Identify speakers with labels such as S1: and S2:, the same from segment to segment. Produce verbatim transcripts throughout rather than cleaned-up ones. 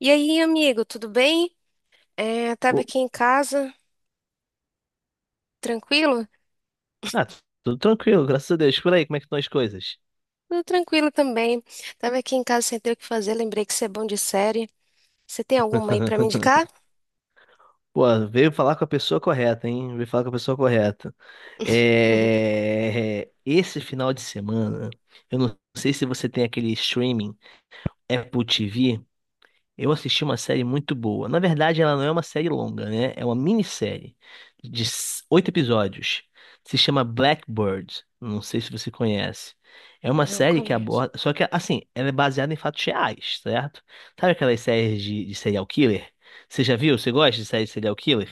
S1: E aí, amigo, tudo bem? É, tava
S2: Pô,
S1: aqui em casa, tranquilo?
S2: Ah, tu- tudo tranquilo, graças a Deus. Por aí, como é que estão as coisas?
S1: Tudo tranquilo também. Tava aqui em casa sem ter o que fazer, lembrei que você é bom de série. Você tem alguma aí pra me indicar?
S2: Pô, veio falar com a pessoa correta, hein? Veio falar com a pessoa correta. É... Esse final de semana, eu não sei se você tem aquele streaming Apple T V. Eu assisti uma série muito boa. Na verdade, ela não é uma série longa, né? É uma minissérie de s- oito episódios. Se chama Blackbird. Não sei se você conhece. É uma
S1: Não
S2: série que
S1: conheço.
S2: aborda. Só que, assim, ela é baseada em fatos reais, certo? Sabe aquelas séries de, de serial killer? Você já viu? Você gosta de série de serial killer?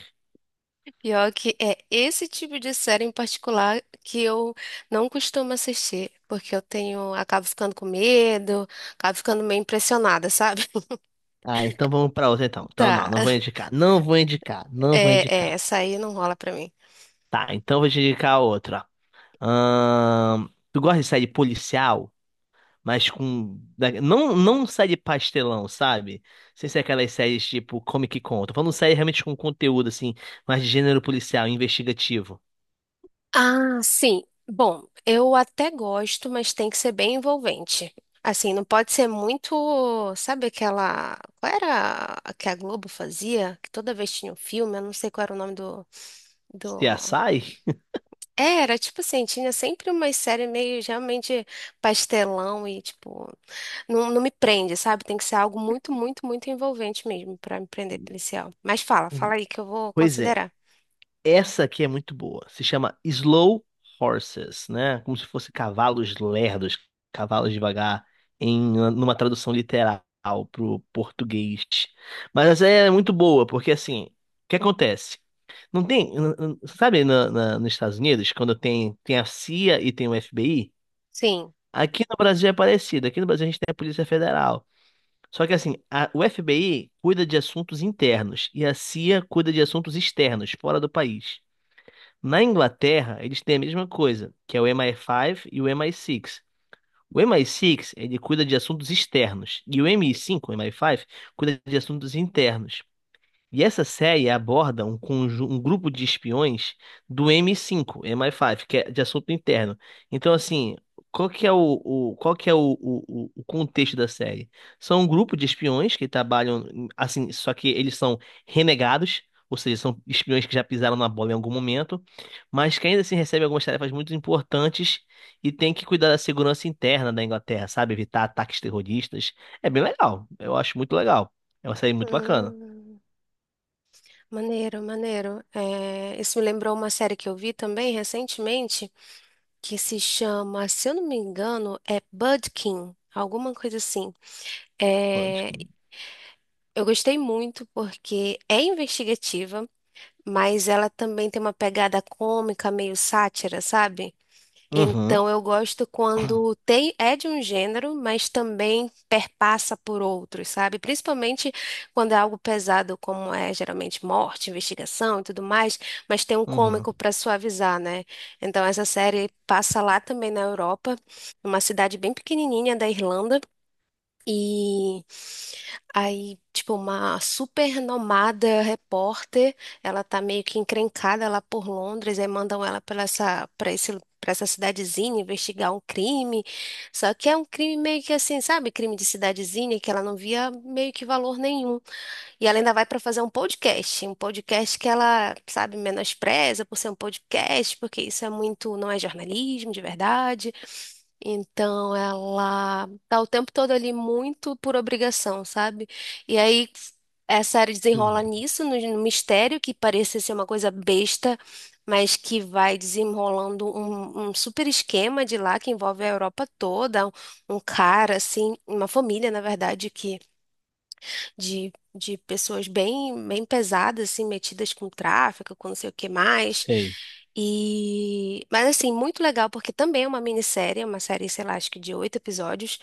S1: Pior que é esse tipo de série em particular que eu não costumo assistir, porque eu tenho, acabo ficando com medo, acabo ficando meio impressionada, sabe?
S2: Ah, então vamos pra outra, então. Então, não,
S1: Tá,
S2: não vou indicar. Não vou indicar. Não vou
S1: é, é,
S2: indicar.
S1: essa aí não rola pra mim.
S2: Tá, então vou te indicar outra. Ahn, tu gosta de série policial? Mas com. da- Não, não série pastelão, sabe? Sem ser aquelas séries tipo Comic Con. Tô falando série realmente com conteúdo, assim, mais de gênero policial, investigativo.
S1: Ah, sim. Bom, eu até gosto, mas tem que ser bem envolvente. Assim, não pode ser muito, sabe aquela, qual era a que a Globo fazia? Que toda vez tinha um filme, eu não sei qual era o nome do, do.
S2: C S I?
S1: É, era tipo assim, tinha sempre uma série meio realmente pastelão e tipo, não, não me prende, sabe? Tem que ser algo muito, muito, muito envolvente mesmo pra me prender policial. Mas fala, fala aí que eu vou
S2: Pois é.
S1: considerar.
S2: Essa aqui é muito boa. Se chama Slow Horses, né? Como se fosse cavalos lerdos, cavalos devagar, em numa tradução literal pro português. Mas essa é muito boa, porque assim, o que acontece? Não tem, n- n- sabe, na, na- nos Estados Unidos, quando tem, tem a C I A e tem o F B I,
S1: Sim.
S2: aqui no Brasil é parecido. Aqui no Brasil a gente tem a Polícia Federal. Só que assim, a- o F B I cuida de assuntos internos e a C I A cuida de assuntos externos, fora do país. Na Inglaterra, eles têm a mesma coisa, que é o M I cinco e o M I seis. O M I seis, ele cuida de assuntos externos, e o mi cinco o M I cinco cuida de assuntos internos. E essa série aborda um, conju- um grupo de espiões do M cinco, M I cinco, que é de assunto interno. Então, assim, qual que é o, o- qual que é o, o- o- o contexto da série? São um grupo de espiões que trabalham, em- assim, só que eles são renegados, ou seja, são espiões que já pisaram na bola em algum momento, mas que ainda assim recebem algumas tarefas muito importantes e tem que cuidar da segurança interna da Inglaterra, sabe? Evitar ataques terroristas. É bem legal, eu acho muito legal. É uma série muito bacana.
S1: Hum, maneiro, maneiro. É, isso me lembrou uma série que eu vi também recentemente que se chama, se eu não me engano, é Budkin. Alguma coisa assim. É, eu gostei muito porque é investigativa, mas ela também tem uma pegada cômica, meio sátira, sabe?
S2: Uhum,
S1: Então eu gosto quando tem é de um gênero, mas também perpassa por outros, sabe? Principalmente quando é algo pesado, como é geralmente morte, investigação e tudo mais, mas tem um cômico
S2: uhum.
S1: para suavizar, né? Então essa série passa lá também na Europa, numa cidade bem pequenininha da Irlanda. E aí, tipo, uma super renomada repórter, ela tá meio que encrencada lá por Londres, aí mandam ela para essa, para esse, para essa cidadezinha investigar um crime. Só que é um crime meio que assim, sabe? Crime de cidadezinha que ela não via meio que valor nenhum. E ela ainda vai para fazer um podcast, um podcast que ela, sabe, menospreza por ser um podcast, porque isso é muito, não é jornalismo de verdade. Então ela tá o tempo todo ali muito por obrigação, sabe? E aí essa série desenrola
S2: Hum.
S1: nisso, no, no mistério que parecia ser uma coisa besta, mas que vai desenrolando um, um super esquema de lá que envolve a Europa toda, um um cara assim, uma família, na verdade, que de, de pessoas bem, bem pesadas, assim, metidas com tráfico, com não sei o que mais.
S2: Sei.
S1: E, mas assim, muito legal, porque também é uma minissérie, é uma série, sei lá, acho que de oito episódios.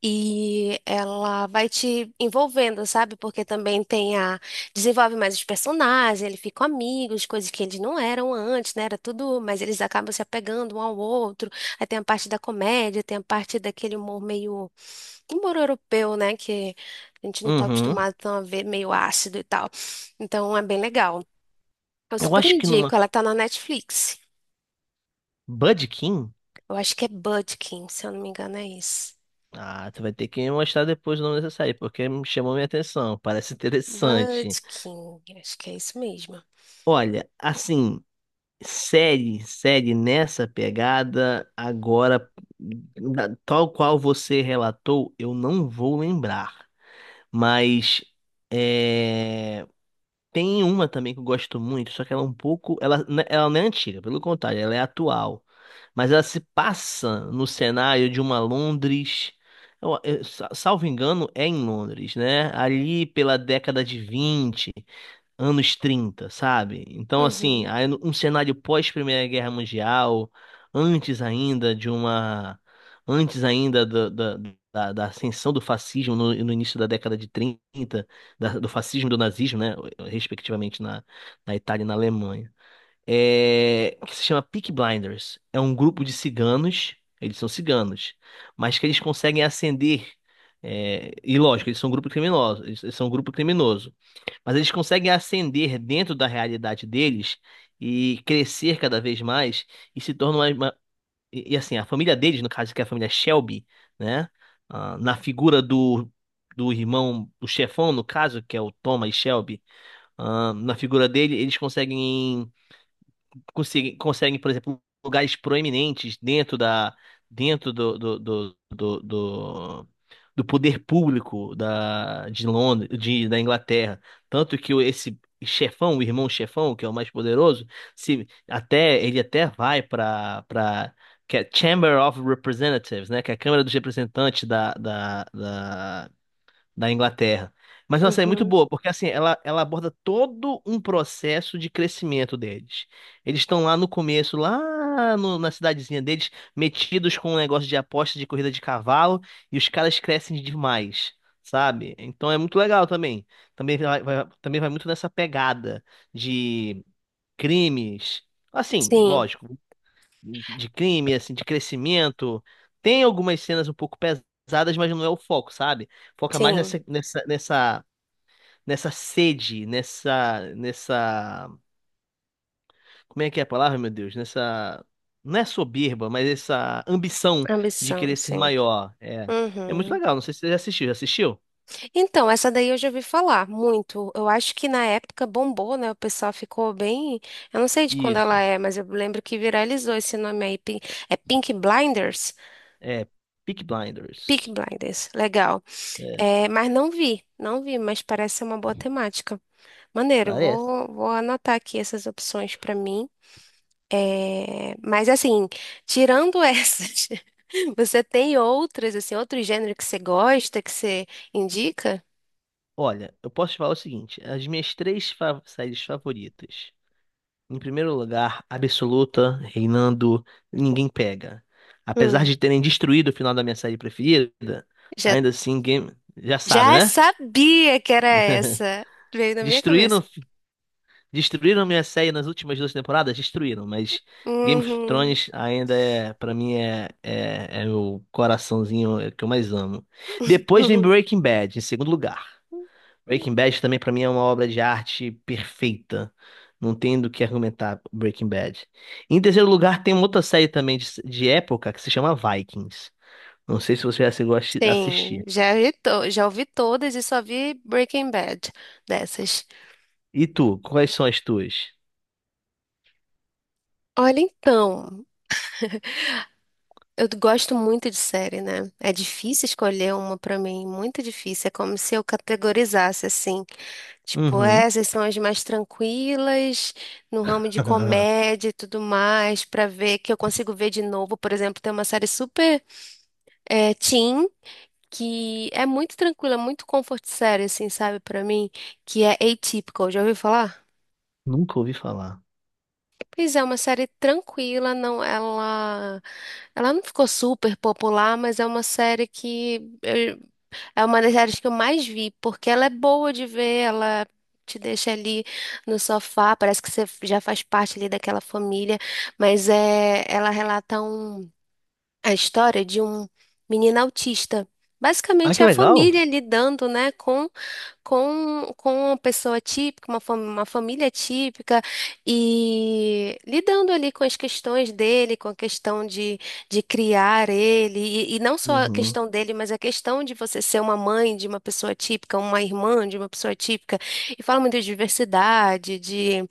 S1: E ela vai te envolvendo, sabe? Porque também tem a. Desenvolve mais os personagens, eles ficam amigos, coisas que eles não eram antes, né? Era tudo, mas eles acabam se apegando um ao outro. Aí tem a parte da comédia, tem a parte daquele humor meio humor europeu, né? Que a gente não tá
S2: Uhum.
S1: acostumado tão a ver meio ácido e tal. Então é bem legal. Eu
S2: Eu
S1: super
S2: acho que numa
S1: indico, ela tá na Netflix.
S2: Budkin.
S1: Eu acho que é Budkin, se eu não me engano, é isso.
S2: Ah, tu vai ter que me mostrar depois o nome dessa série, porque me chamou minha atenção. Parece interessante.
S1: Budkin, acho que é isso mesmo.
S2: Olha, assim, série, série nessa pegada, agora, da- tal qual você relatou, eu não vou lembrar. Mas é, tem uma também que eu gosto muito, só que ela é um pouco. Ela, né, ela não é antiga, pelo contrário, ela é atual. Mas ela se passa no cenário de uma Londres. eu- eu- sa- salvo engano, é em Londres, né? Ali pela década de vinte, anos trinta, sabe? Então, assim,
S1: Uhum,
S2: aí no- um cenário pós-Primeira Guerra Mundial, antes ainda de uma. Antes ainda da, da, da- da ascensão do fascismo no, no início da década de trinta, da- do fascismo e do nazismo, né? Respectivamente na, na Itália e na Alemanha, é, que se chama Peaky Blinders. É um grupo de ciganos, eles são ciganos, mas que eles conseguem ascender. é, e lógico, eles são um grupo criminoso, eles eles são um grupo criminoso, mas eles conseguem ascender dentro da realidade deles e crescer cada vez mais e se tornam uma, uma- e e, assim, a família deles, no caso que é a família Shelby, né? ah, na figura do do irmão, do chefão, no caso, que é o Thomas Shelby. Ah, na figura dele, eles conseguem conseguem, conseguem, por exemplo, lugares proeminentes dentro da, dentro do, do, do, do, do- do poder público da, de Londres, de, da Inglaterra. Tanto que o- esse chefão, o irmão chefão, que é o mais poderoso, se até ele até vai para para que é Chamber of Representatives, né, que é a Câmara dos Representantes da, da, da da Inglaterra. Mas é uma série muito
S1: uhum.
S2: boa, porque assim, ela, ela aborda todo um processo de crescimento deles. Eles estão lá no começo, lá no- na cidadezinha deles, metidos com um negócio de aposta de corrida de cavalo, e os caras crescem demais, sabe? Então é muito legal também. Também vai, vai- também vai muito nessa pegada de crimes. Assim,
S1: Sim,
S2: lógico de crime, assim, de crescimento. Tem algumas cenas um pouco pesadas, mas não é o foco, sabe? Foca mais
S1: sim.
S2: nessa, nessa, nessa, nessa sede, nessa, nessa, como é que é a palavra, meu Deus? Nessa, não é soberba, mas essa ambição de
S1: Ambição,
S2: querer ser
S1: sim.
S2: maior. É, é muito
S1: Uhum.
S2: legal. Não sei se você já assistiu. Já assistiu?
S1: Então, essa daí eu já ouvi falar muito. Eu acho que na época bombou, né? O pessoal ficou bem. Eu não sei de quando ela
S2: Isso.
S1: é, mas eu lembro que viralizou esse nome aí. Pink- É Pink Blinders?
S2: É, Peaky
S1: Peaky
S2: Blinders.
S1: Blinders, legal.
S2: É,
S1: É, mas não vi, não vi, mas parece ser uma boa temática. Maneiro,
S2: parece.
S1: vou, vou anotar aqui essas opções para mim. É, mas assim, tirando essas, você tem outras, assim, outro gênero que você gosta, que você indica?
S2: Olha, eu posso te falar o seguinte: as minhas três fa- séries favoritas. Em primeiro lugar, absoluta, reinando, ninguém pega. Apesar
S1: Hum,
S2: de terem destruído o final da minha série preferida,
S1: já,
S2: ainda assim, game... já sabe,
S1: já
S2: né?
S1: sabia que era essa. Veio na minha
S2: Destruíram,
S1: cabeça.
S2: destruíram minha série nas últimas duas temporadas? Destruíram, mas Game of
S1: Uhum.
S2: Thrones ainda é, pra mim, é, é, é o coraçãozinho que eu mais amo. Depois vem Breaking Bad, em segundo lugar. Breaking Bad também pra mim é uma obra de arte perfeita. Não tem do que argumentar Breaking Bad. Em terceiro lugar, tem uma outra série também de, de época que se chama Vikings. Não sei se você já chegou a assi-
S1: Sim,
S2: assistir.
S1: já vi, to- já ouvi todas e só vi Breaking Bad dessas.
S2: E tu, quais são as tuas?
S1: Olha, então, eu gosto muito de série, né? É difícil escolher uma pra mim, muito difícil. É como se eu categorizasse assim, tipo,
S2: Uhum.
S1: essas são as mais tranquilas, no ramo de comédia e tudo mais, pra ver que eu consigo ver de novo. Por exemplo, tem uma série super é, teen que é muito tranquila, muito comfort série, assim, sabe, pra mim, que é Atypical. Já ouviu falar?
S2: Nunca ouvi falar.
S1: Pois é, uma série tranquila, não, ela, ela não ficou super popular, mas é uma série que eu- é uma das séries que eu mais vi, porque ela é boa de ver, ela te deixa ali no sofá, parece que você já faz parte ali daquela família, mas é, ela relata um, a história de um menino autista.
S2: Ah,
S1: Basicamente
S2: que
S1: é a
S2: legal.
S1: família lidando, né, com, com uma pessoa típica, uma, fam- uma família típica, e lidando ali com as questões dele, com a questão de, de criar ele, e, e não só a
S2: Uhum.
S1: questão dele, mas a questão de você ser uma mãe de uma pessoa típica, uma irmã de uma pessoa típica, e fala muito de diversidade, de,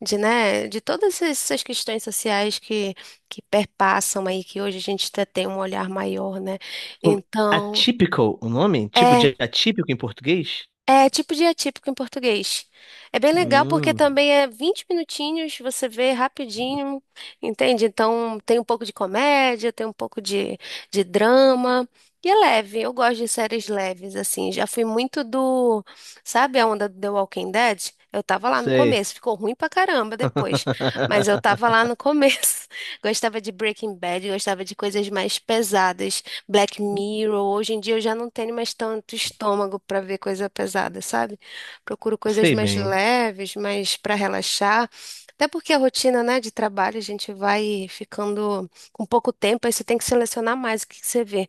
S1: de, né, de todas essas questões sociais que, que perpassam aí, que hoje a gente até tem um olhar maior, né?
S2: Como-
S1: Então.
S2: Atípico, o nome? Tipo
S1: É
S2: de atípico em português?
S1: é tipo de atípico em português. É bem legal porque
S2: Hum,
S1: também é vinte minutinhos, você vê rapidinho, entende? Então tem um pouco de comédia, tem um pouco de, de drama. E é leve, eu gosto de séries leves, assim. Já fui muito do. Sabe a onda do The Walking Dead? Eu tava lá no
S2: sei.
S1: começo, ficou ruim pra caramba depois. Mas eu tava lá no começo. Gostava de Breaking Bad, gostava de coisas mais pesadas. Black Mirror. Hoje em dia eu já não tenho mais tanto estômago para ver coisa pesada, sabe? Procuro coisas
S2: Sei
S1: mais
S2: bem.
S1: leves, mais para relaxar. Até porque a rotina, né, de trabalho, a gente vai ficando com pouco tempo, aí você tem que selecionar mais o que que você vê.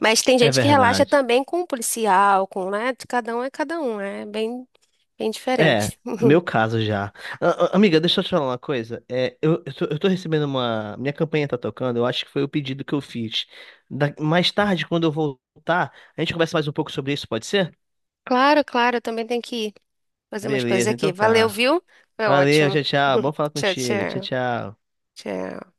S1: Mas tem
S2: É
S1: gente que relaxa
S2: verdade.
S1: também com o policial, com, né? Cada um é cada um, é bem, bem
S2: É,
S1: diferente.
S2: meu caso já. A- a- Amiga, deixa eu te falar uma coisa. É, eu, eu tô, eu tô recebendo uma. Minha campanha tá tocando, eu acho que foi o pedido que eu fiz. Da- Mais tarde, quando eu voltar, a gente conversa mais um pouco sobre isso, pode ser?
S1: Claro, claro, eu também tenho que ir fazer umas coisas
S2: Beleza,
S1: aqui.
S2: então
S1: Valeu,
S2: tá.
S1: viu? Foi
S2: Valeu,
S1: ótimo.
S2: tchau, tchau. Bom falar
S1: Tchau,
S2: contigo. Tchau,
S1: tchau.
S2: tchau.
S1: Tchau.